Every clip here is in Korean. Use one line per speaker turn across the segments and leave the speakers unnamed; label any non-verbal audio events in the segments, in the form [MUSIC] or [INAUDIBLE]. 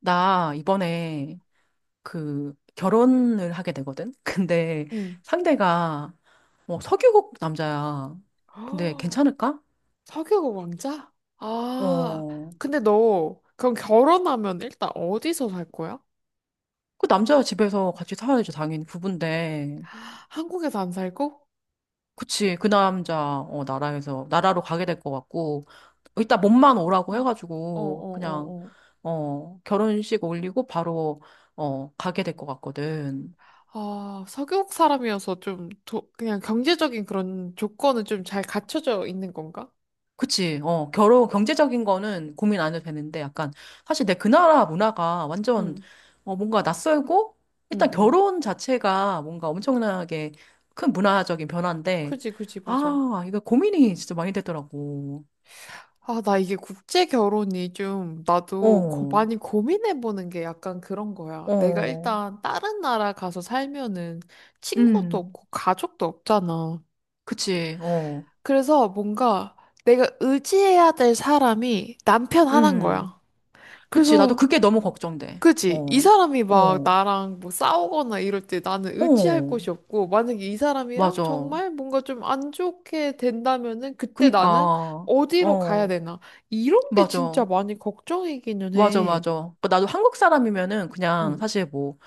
나 이번에 그 결혼을 하게 되거든? [LAUGHS] 근데
응.
상대가 석유국 남자야.
[GASPS]
근데
허,
괜찮을까?
사교 왕자? 아,
어,
근데 너 그럼 결혼하면 일단 어디서 살 거야?
그 남자 집에서 같이 살아야지, 당연히 부부인데.
한국에서 안 살고?
그치, 그 남자, 나라로 가게 될 것 같고, 일단 몸만
어.
오라고
어, 어,
해가지고, 그냥,
어, 어.
결혼식 올리고 바로, 가게 될 것 같거든.
아, 서교국 사람이어서 좀 도, 그냥 경제적인 그런 조건은 좀 잘 갖춰져 있는 건가?
그치. 경제적인 거는 고민 안 해도 되는데, 약간, 사실 내 그 나라 문화가
응,
뭔가 낯설고,
응,
일단
응.
결혼 자체가 뭔가 엄청나게 큰 문화적인 변화인데,
그지, 그지, 맞아.
아, 이거 고민이 진짜 많이 되더라고.
아, 나 이게 국제 결혼이 좀 나도
어,
많이 고민해보는 게 약간 그런 거야. 내가
어,
일단 다른 나라 가서 살면은 친구도
음,
없고 가족도 없잖아.
그치, 어,
그래서 뭔가 내가 의지해야 될 사람이 남편 하나인 거야.
음, 그치. 나도
그래서
그게 너무 걱정돼.
그지? 이
어,
사람이 막
어,
나랑 뭐 싸우거나 이럴 때 나는 의지할
어,
곳이 없고, 만약에 이 사람이랑
맞아.
정말 뭔가 좀 안 좋게 된다면은 그때 나는
그니까,
어디로 가야
어,
되나? 이런 게 진짜
맞아.
많이 걱정이기는
맞아,
해.
맞아. 그러니까 나도 한국 사람이면은 그냥
응,
사실 뭐,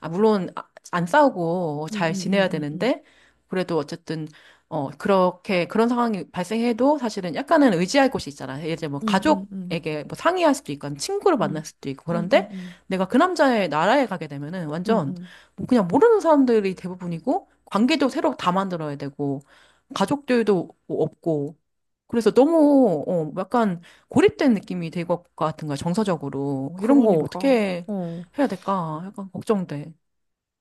아, 물론 안 싸우고
응,
잘
응,
지내야
응, 응,
되는데, 그래도 어쨌든, 그런 상황이 발생해도 사실은 약간은 의지할 곳이 있잖아. 예를 들면 뭐
응, 응, 응, 응,
가족에게 뭐 상의할 수도 있고, 아니면 친구를
응,
만날 수도 있고,
응, 응,
그런데
응,
내가 그 남자의 나라에 가게 되면은
응,
완전
응.
뭐 그냥 모르는 사람들이 대부분이고, 관계도 새로 다 만들어야 되고, 가족들도 뭐 없고, 그래서 너무, 약간 고립된 느낌이 될 것 같은 거야, 정서적으로. 이런 거
그러니까,
어떻게
어.
해야 될까? 약간 걱정돼.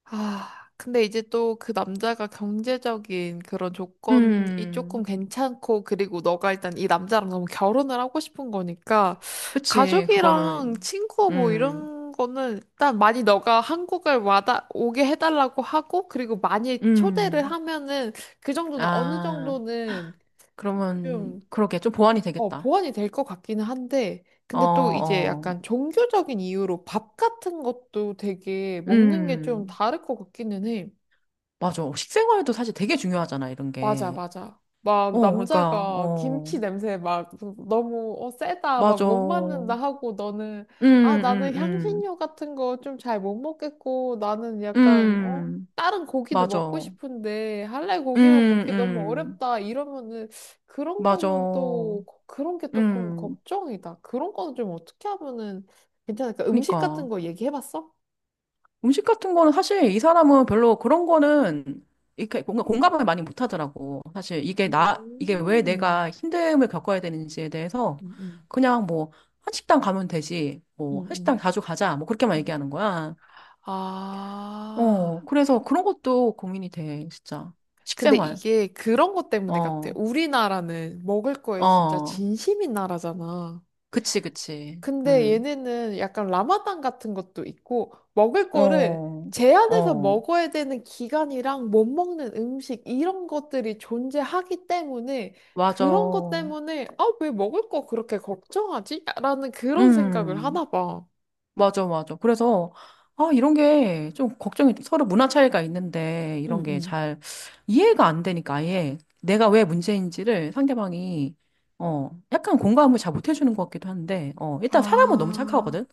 아, 근데 이제 또 그 남자가 경제적인 그런 조건이 조금
음,
괜찮고, 그리고 너가 일단 이 남자랑 너무 결혼을 하고 싶은 거니까,
그치,
가족이랑
그거는.
친구 뭐
음,
이런 거는 일단 많이 너가 오게 해달라고 하고, 그리고 많이 초대를
음.
하면은 그 정도는 어느
아,
정도는
그러면,
좀,
그러게, 좀 보완이
어,
되겠다.
보완이 될 것 같기는 한데,
어,
근데 또 이제
어.
약간 종교적인 이유로 밥 같은 것도 되게 먹는 게 좀
음,
다를 것 같기는 해.
맞아. 식생활도 사실 되게 중요하잖아, 이런
맞아,
게.
맞아. 막
어, 그러니까,
남자가 김치
어,
냄새 막 너무 어, 세다, 막
맞아.
못 맞는다 하고 너는
음,
아, 나는
음.
향신료 같은 거 좀 잘 못 먹겠고 나는 약간 어,
음,
다른 고기도
맞아.
먹고 싶은데 할래 고기만 먹기 너무
음.
어렵다 이러면은
맞아.
그런 게 조금
음.
걱정이다. 그런 거는 좀 어떻게 하면은 괜찮을까? 음식 같은
그니까
거 얘기해 봤어?
음식 같은 거는 사실 이 사람은 별로 그런 거는 이렇게 뭔가 공감을 많이 못 하더라고. 사실 이게 나 이게
음,
왜 내가 힘듦을 겪어야 되는지에 대해서
음,
그냥 뭐 한식당 가면 되지.
음,
뭐 한식당
음.
자주 가자. 뭐 그렇게만
음.
얘기하는 거야.
아.
어, 그래서 그런 것도 고민이 돼, 진짜.
근데
식생활.
이게 그런 것 때문에 같아.
어.
우리나라는 먹을 거에 진짜
어.
진심인 나라잖아.
그치, 그치.
근데
음.
얘네는 약간 라마단 같은 것도 있고, 먹을 거를
어.
제한해서
어.
먹어야 되는 기간이랑 못 먹는 음식, 이런 것들이 존재하기 때문에,
맞아.
그런 것 때문에, 아, 왜 먹을 거 그렇게 걱정하지? 라는 그런 생각을
음.
하나 봐.
맞아, 맞아. 그래서, 아, 이런 게 좀 걱정이, 서로 문화 차이가 있는데, 이런
응,
게
응.
잘 이해가 안 되니까, 아예 내가 왜 문제인지를 상대방이, 약간 공감을 잘 못 해주는 것 같기도 한데, 일단 사람은 너무 착하거든?
아.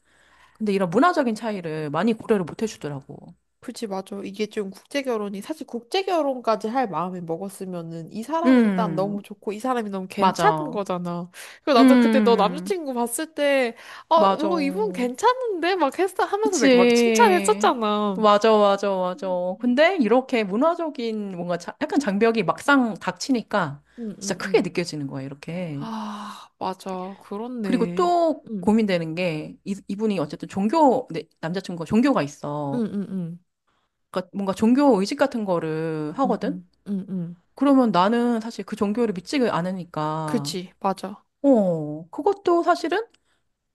근데 이런 문화적인 차이를 많이 고려를 못 해주더라고.
그치, 맞아. 이게 좀 국제 결혼이, 사실 국제 결혼까지 할 마음을 먹었으면은 이 사람이 일단 너무
음,
좋고 이 사람이 너무 괜찮은
맞아.
거잖아. 그리고 나도 그때 너
음,
남자친구 봤을 때, 어,
맞아.
뭐 이분 괜찮은데? 막 했어 하면서 내가 막
그치.
칭찬했었잖아.
맞아, 맞아, 맞아.
음, 음.
근데 이렇게 문화적인 뭔가 약간 장벽이 막상 닥치니까
응,
진짜
응,
크게
응.
느껴지는 거야, 이렇게.
아, 맞아.
그리고
그렇네.
또
응,
고민되는 게 이분이 어쨌든 종교, 네, 남자친구가 종교가
응,
있어.
응, 응,
그러니까 뭔가 종교 의식 같은 거를
응,
하거든?
응, 응, 응.
그러면 나는 사실 그 종교를 믿지 않으니까,
그치, 맞아.
어, 그것도 사실은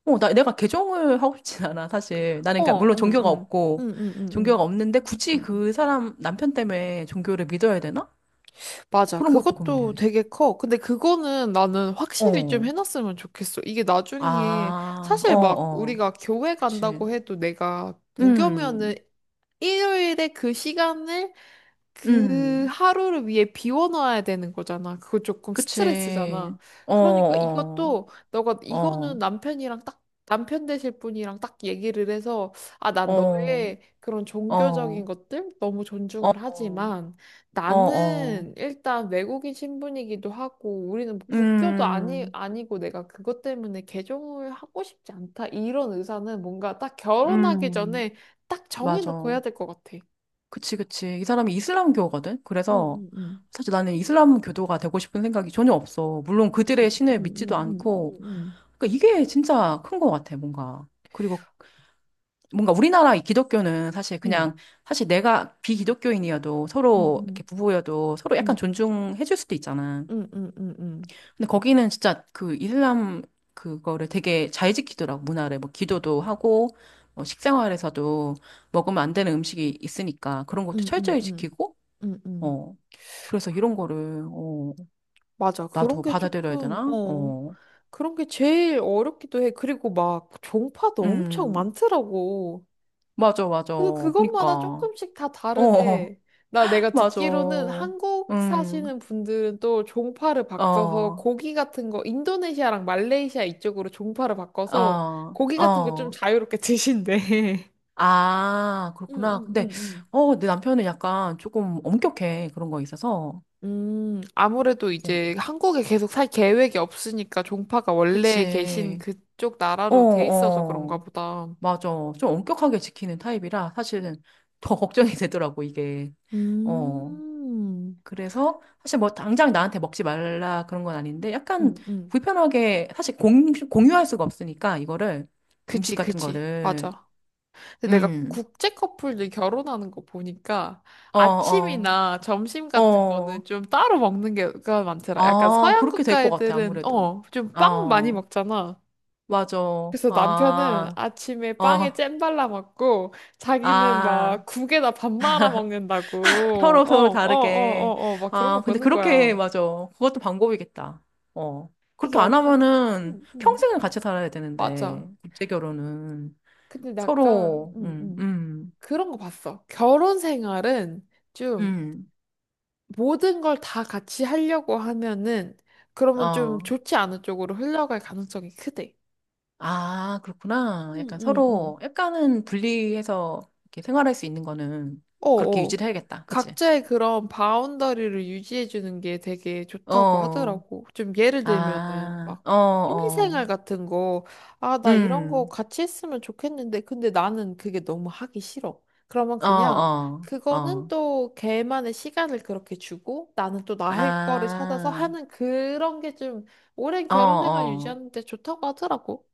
내가 개종을 하고 싶진 않아, 사실. 나는, 그러니까,
어,
물론
응,
종교가
응,
없고,
응, 응, 응,
종교가 없는데, 굳이
응. 응.
그 사람, 남편 때문에 종교를 믿어야 되나? 어,
맞아.
그런 것도
그것도
고민되네.
되게 커. 근데 그거는 나는 확실히 좀
어,
해놨으면 좋겠어. 이게 나중에
아, 어,
사실 막
어,
우리가 교회 간다고
그치.
해도 내가 무교면은
음,
일요일에 그 시간을 그
음,
하루를 위해 비워놔야 되는 거잖아. 그거 조금
그치.
스트레스잖아.
어,
그러니까
어,
이것도 너가 이거는
어,
남편이랑 딱 남편 되실 분이랑 딱 얘기를 해서 아, 난
어,
너의 그런
어,
종교적인
어,
것들 너무
어,
존중을 하지만
어, 어,
나는 일단 외국인 신분이기도 하고 우리는 뭐 국교도 아니
음,
아니고 내가 그것 때문에 개종을 하고 싶지 않다. 이런 의사는 뭔가 딱 결혼하기
음,
전에 딱 정해놓고 해야
맞아.
될 것 같아.
그치, 그치. 이 사람이 이슬람교거든?
응,
그래서
응, 응.
사실 나는 이슬람교도가 되고 싶은 생각이 전혀 없어. 물론 그들의
지.
신을
응,
믿지도
응, 응,
않고.
응,
그러니까 이게 진짜 큰 것 같아, 뭔가. 그리고 뭔가 우리나라 이 기독교는 사실
응,
그냥, 사실 내가 비기독교인이어도 서로
응,
이렇게 부부여도 서로 약간
응,
존중해줄 수도 있잖아.
응, 응, 응, 응, 응,
근데 거기는 진짜 그 이슬람 그거를 되게 잘 지키더라고, 문화를. 뭐 기도도 하고, 뭐 식생활에서도 먹으면 안 되는 음식이 있으니까 그런 것도
응, 응,
철저히 지키고,
응, 응.
어. 그래서 이런 거를, 어,
맞아. 그런
나도
게
받아들여야
조금,
되나?
어,
어.
그런 게 제일 어렵기도 해. 그리고 막 종파도 엄청
음,
많더라고.
맞아, 맞아.
그래서 그것마다
그니까.
조금씩 다
어, 어,
다르대. 나
[LAUGHS]
내가
맞아.
듣기로는 한국
음,
사시는 분들은 또 종파를
어,
바꿔서
어,
고기 같은 거 인도네시아랑 말레이시아 이쪽으로 종파를 바꿔서 고기 같은 거 좀
어.
자유롭게 드신대.
아,
[LAUGHS]
그렇구나. 근데,
응응응응.
어, 내 남편은 약간 조금 엄격해. 그런 거에 있어서.
아무래도 이제
어,
한국에 계속 살 계획이 없으니까 종파가 원래 계신
그치.
그쪽
어,
나라로 돼 있어서 그런가
어.
보다.
맞아. 좀 엄격하게 지키는 타입이라 사실은 더 [LAUGHS] 걱정이 되더라고, 이게. 어.
음,
그래서 사실 뭐 당장 나한테 먹지 말라 그런 건 아닌데 약간
음, 음.
불편하게 사실 공유할 수가 없으니까 이거를 음식
그치,
같은
그치.
거를
맞아. 근데 내가
음.
국제 커플들 결혼하는 거 보니까
어, 어.
아침이나 점심 같은 거는
어.
좀 따로 먹는 게가 많더라. 약간
아,
서양
그렇게 될
국가
것 같아
애들은,
아무래도.
어, 좀 빵 많이
어.
먹잖아.
맞아.
그래서 남편은
아.
아침에 빵에
어.
잼 발라 먹고 자기는 막
아.
국에다 밥 말아 먹는다고.
서로
어,
서로
어, 어,
다르게.
어, 어, 막 그런 거
아, 근데
보는
그렇게
거야.
맞아. 그것도 방법이겠다. 어.
이게
그렇게 안
약간,
하면은
응, 응,
평생을 같이 살아야 되는데
맞아.
국제 결혼은
근데 약간,
서로,
응, 응. 그런 거 봤어. 결혼 생활은 좀
음,
모든 걸 다 같이 하려고 하면은 그러면 좀
어.
좋지 않은 쪽으로 흘러갈 가능성이 크대.
아, 그렇구나.
응,
약간
응, 응.
서로, 약간은 분리해서 이렇게 생활할 수 있는 거는 그렇게
어어.
유지를 해야겠다. 그치?
각자의 그런 바운더리를 유지해주는 게 되게 좋다고
어,
하더라고. 좀 예를 들면은
아,
막
어, 어,
취미생활 같은 거, 아, 나 이런 거
음,
같이 했으면 좋겠는데, 근데 나는 그게 너무 하기 싫어. 그러면
어,
그냥
어,
그거는
어,
또 걔만의 시간을 그렇게 주고 나는 또 나 할 거를 찾아서
아,
하는 그런 게 좀 오랜
어,
결혼 생활
어.
유지하는 데 좋다고 하더라고.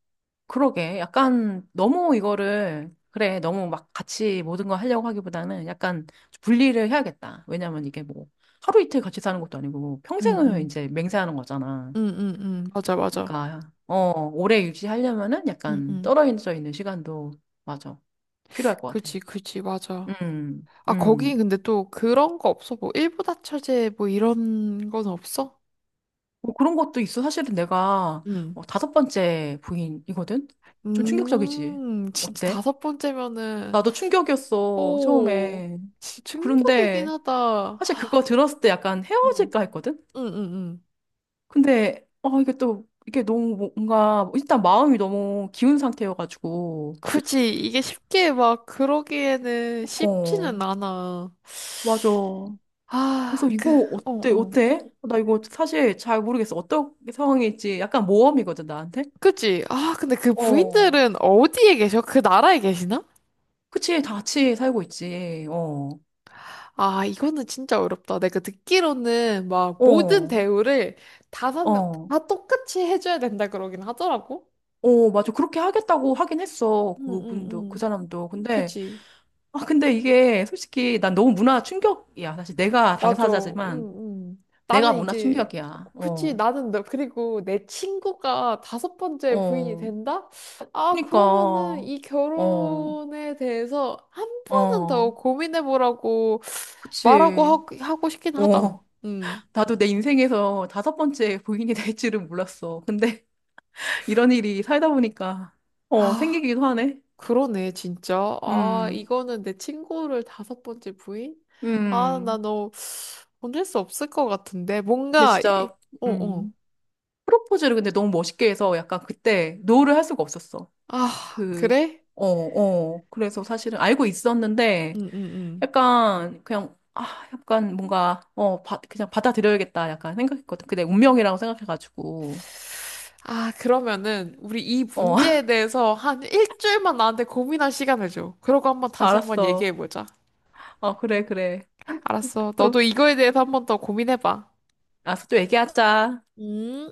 그러게. 약간 너무 이거를, 그래, 너무 막 같이 모든 걸 하려고 하기보다는 약간 분리를 해야겠다. 왜냐면 이게 뭐 하루 이틀 같이 사는 것도 아니고 뭐
응,
평생을
응.
이제 맹세하는 거잖아.
응, 응, 응. 맞아, 맞아.
그러니까, 어, 오래 유지하려면은
응,
약간
응.
떨어져 있는 시간도, 맞아. 필요할 것
그
같아.
치 그치, 맞아.
음,
아, 거기
음.
근데 또 그런 거 없어? 뭐, 일부다 처제 뭐 이런 건 없어?
뭐 그런 것도 있어. 사실은 내가
응.
다섯 번째 부인이거든? 좀 충격적이지.
[LAUGHS] 진짜
어때?
다섯 번째면은,
나도 충격이었어,
오,
처음에.
진짜 충격이긴
그런데,
하다.
사실 그거 들었을 때 약간
응,
헤어질까 했거든?
응, 응, 응.
근데, 아 이게 또, 이게 너무 뭔가, 일단 마음이 너무 기운 상태여가지고,
굳이 이게 쉽게 막 그러기에는 쉽지는
어,
않아.
맞아.
아,
그래서
그,
이거
어,
어때,
어.
어때? 나 이거 사실 잘 모르겠어. 어떤 상황일지 약간 모험이거든, 나한테?
그치? 아, 근데 그
어,
부인들은 어디에 계셔? 그 나라에 계시나?
그치, 다 같이 살고 있지. 어,
아, 이거는 진짜 어렵다. 내가 듣기로는 막 모든
어,
대우를 다섯 명
어.
다 똑같이 해줘야 된다 그러긴 하더라고.
어, 맞아. 그렇게 하겠다고 하긴 했어.
응, 응,
그분도, 그
응.
사람도. 근데,
그지.
아, 근데 이게 솔직히 난 너무 문화 충격이야. 사실 내가
맞아.
당사자지만.
응, 응.
내가
나는
문화
이제,
충격이야.
그치.
어,
나는 너, 그리고 내 친구가 다섯 번째 부인이
어.
된다? 아,
그니까,
그러면은 이
어,
결혼에 대해서 한 번은 더
어.
고민해보라고 말하고
그치.
하고 싶긴 하다.
어.
응.
나도 내 인생에서 다섯 번째 부인이 될 줄은 몰랐어. 근데 [LAUGHS] 이런 일이 살다 보니까, 어,
아.
생기기도 하네.
그러네, 진짜. 아,
음,
이거는 내 친구를 다섯 번째 부인? 아, 나
음.
너 보낼 수 없을 것 같은데.
근데
뭔가, 이-
진짜,
어, 어.
음. 프로포즈를 근데 너무 멋있게 해서 약간 그때 노를 할 수가 없었어.
아,
그,
그래?
어, 어. 그래서 사실은 알고 있었는데,
응, 응, 응.
약간 그냥 아 약간 뭔가 그냥 받아들여야겠다 약간 생각했거든. 근데 운명이라고 생각해가지고
아, 그러면은, 우리 이
어
문제에
[LAUGHS]
대해서 한 일주일만 나한테 고민할 시간을 줘. 그러고 한번 다시 한번
알았어.
얘기해보자.
어 그래 그래
알았어. 너도
또
이거에 대해서 한번 더 고민해봐.
알았어 또 얘기하자.
음.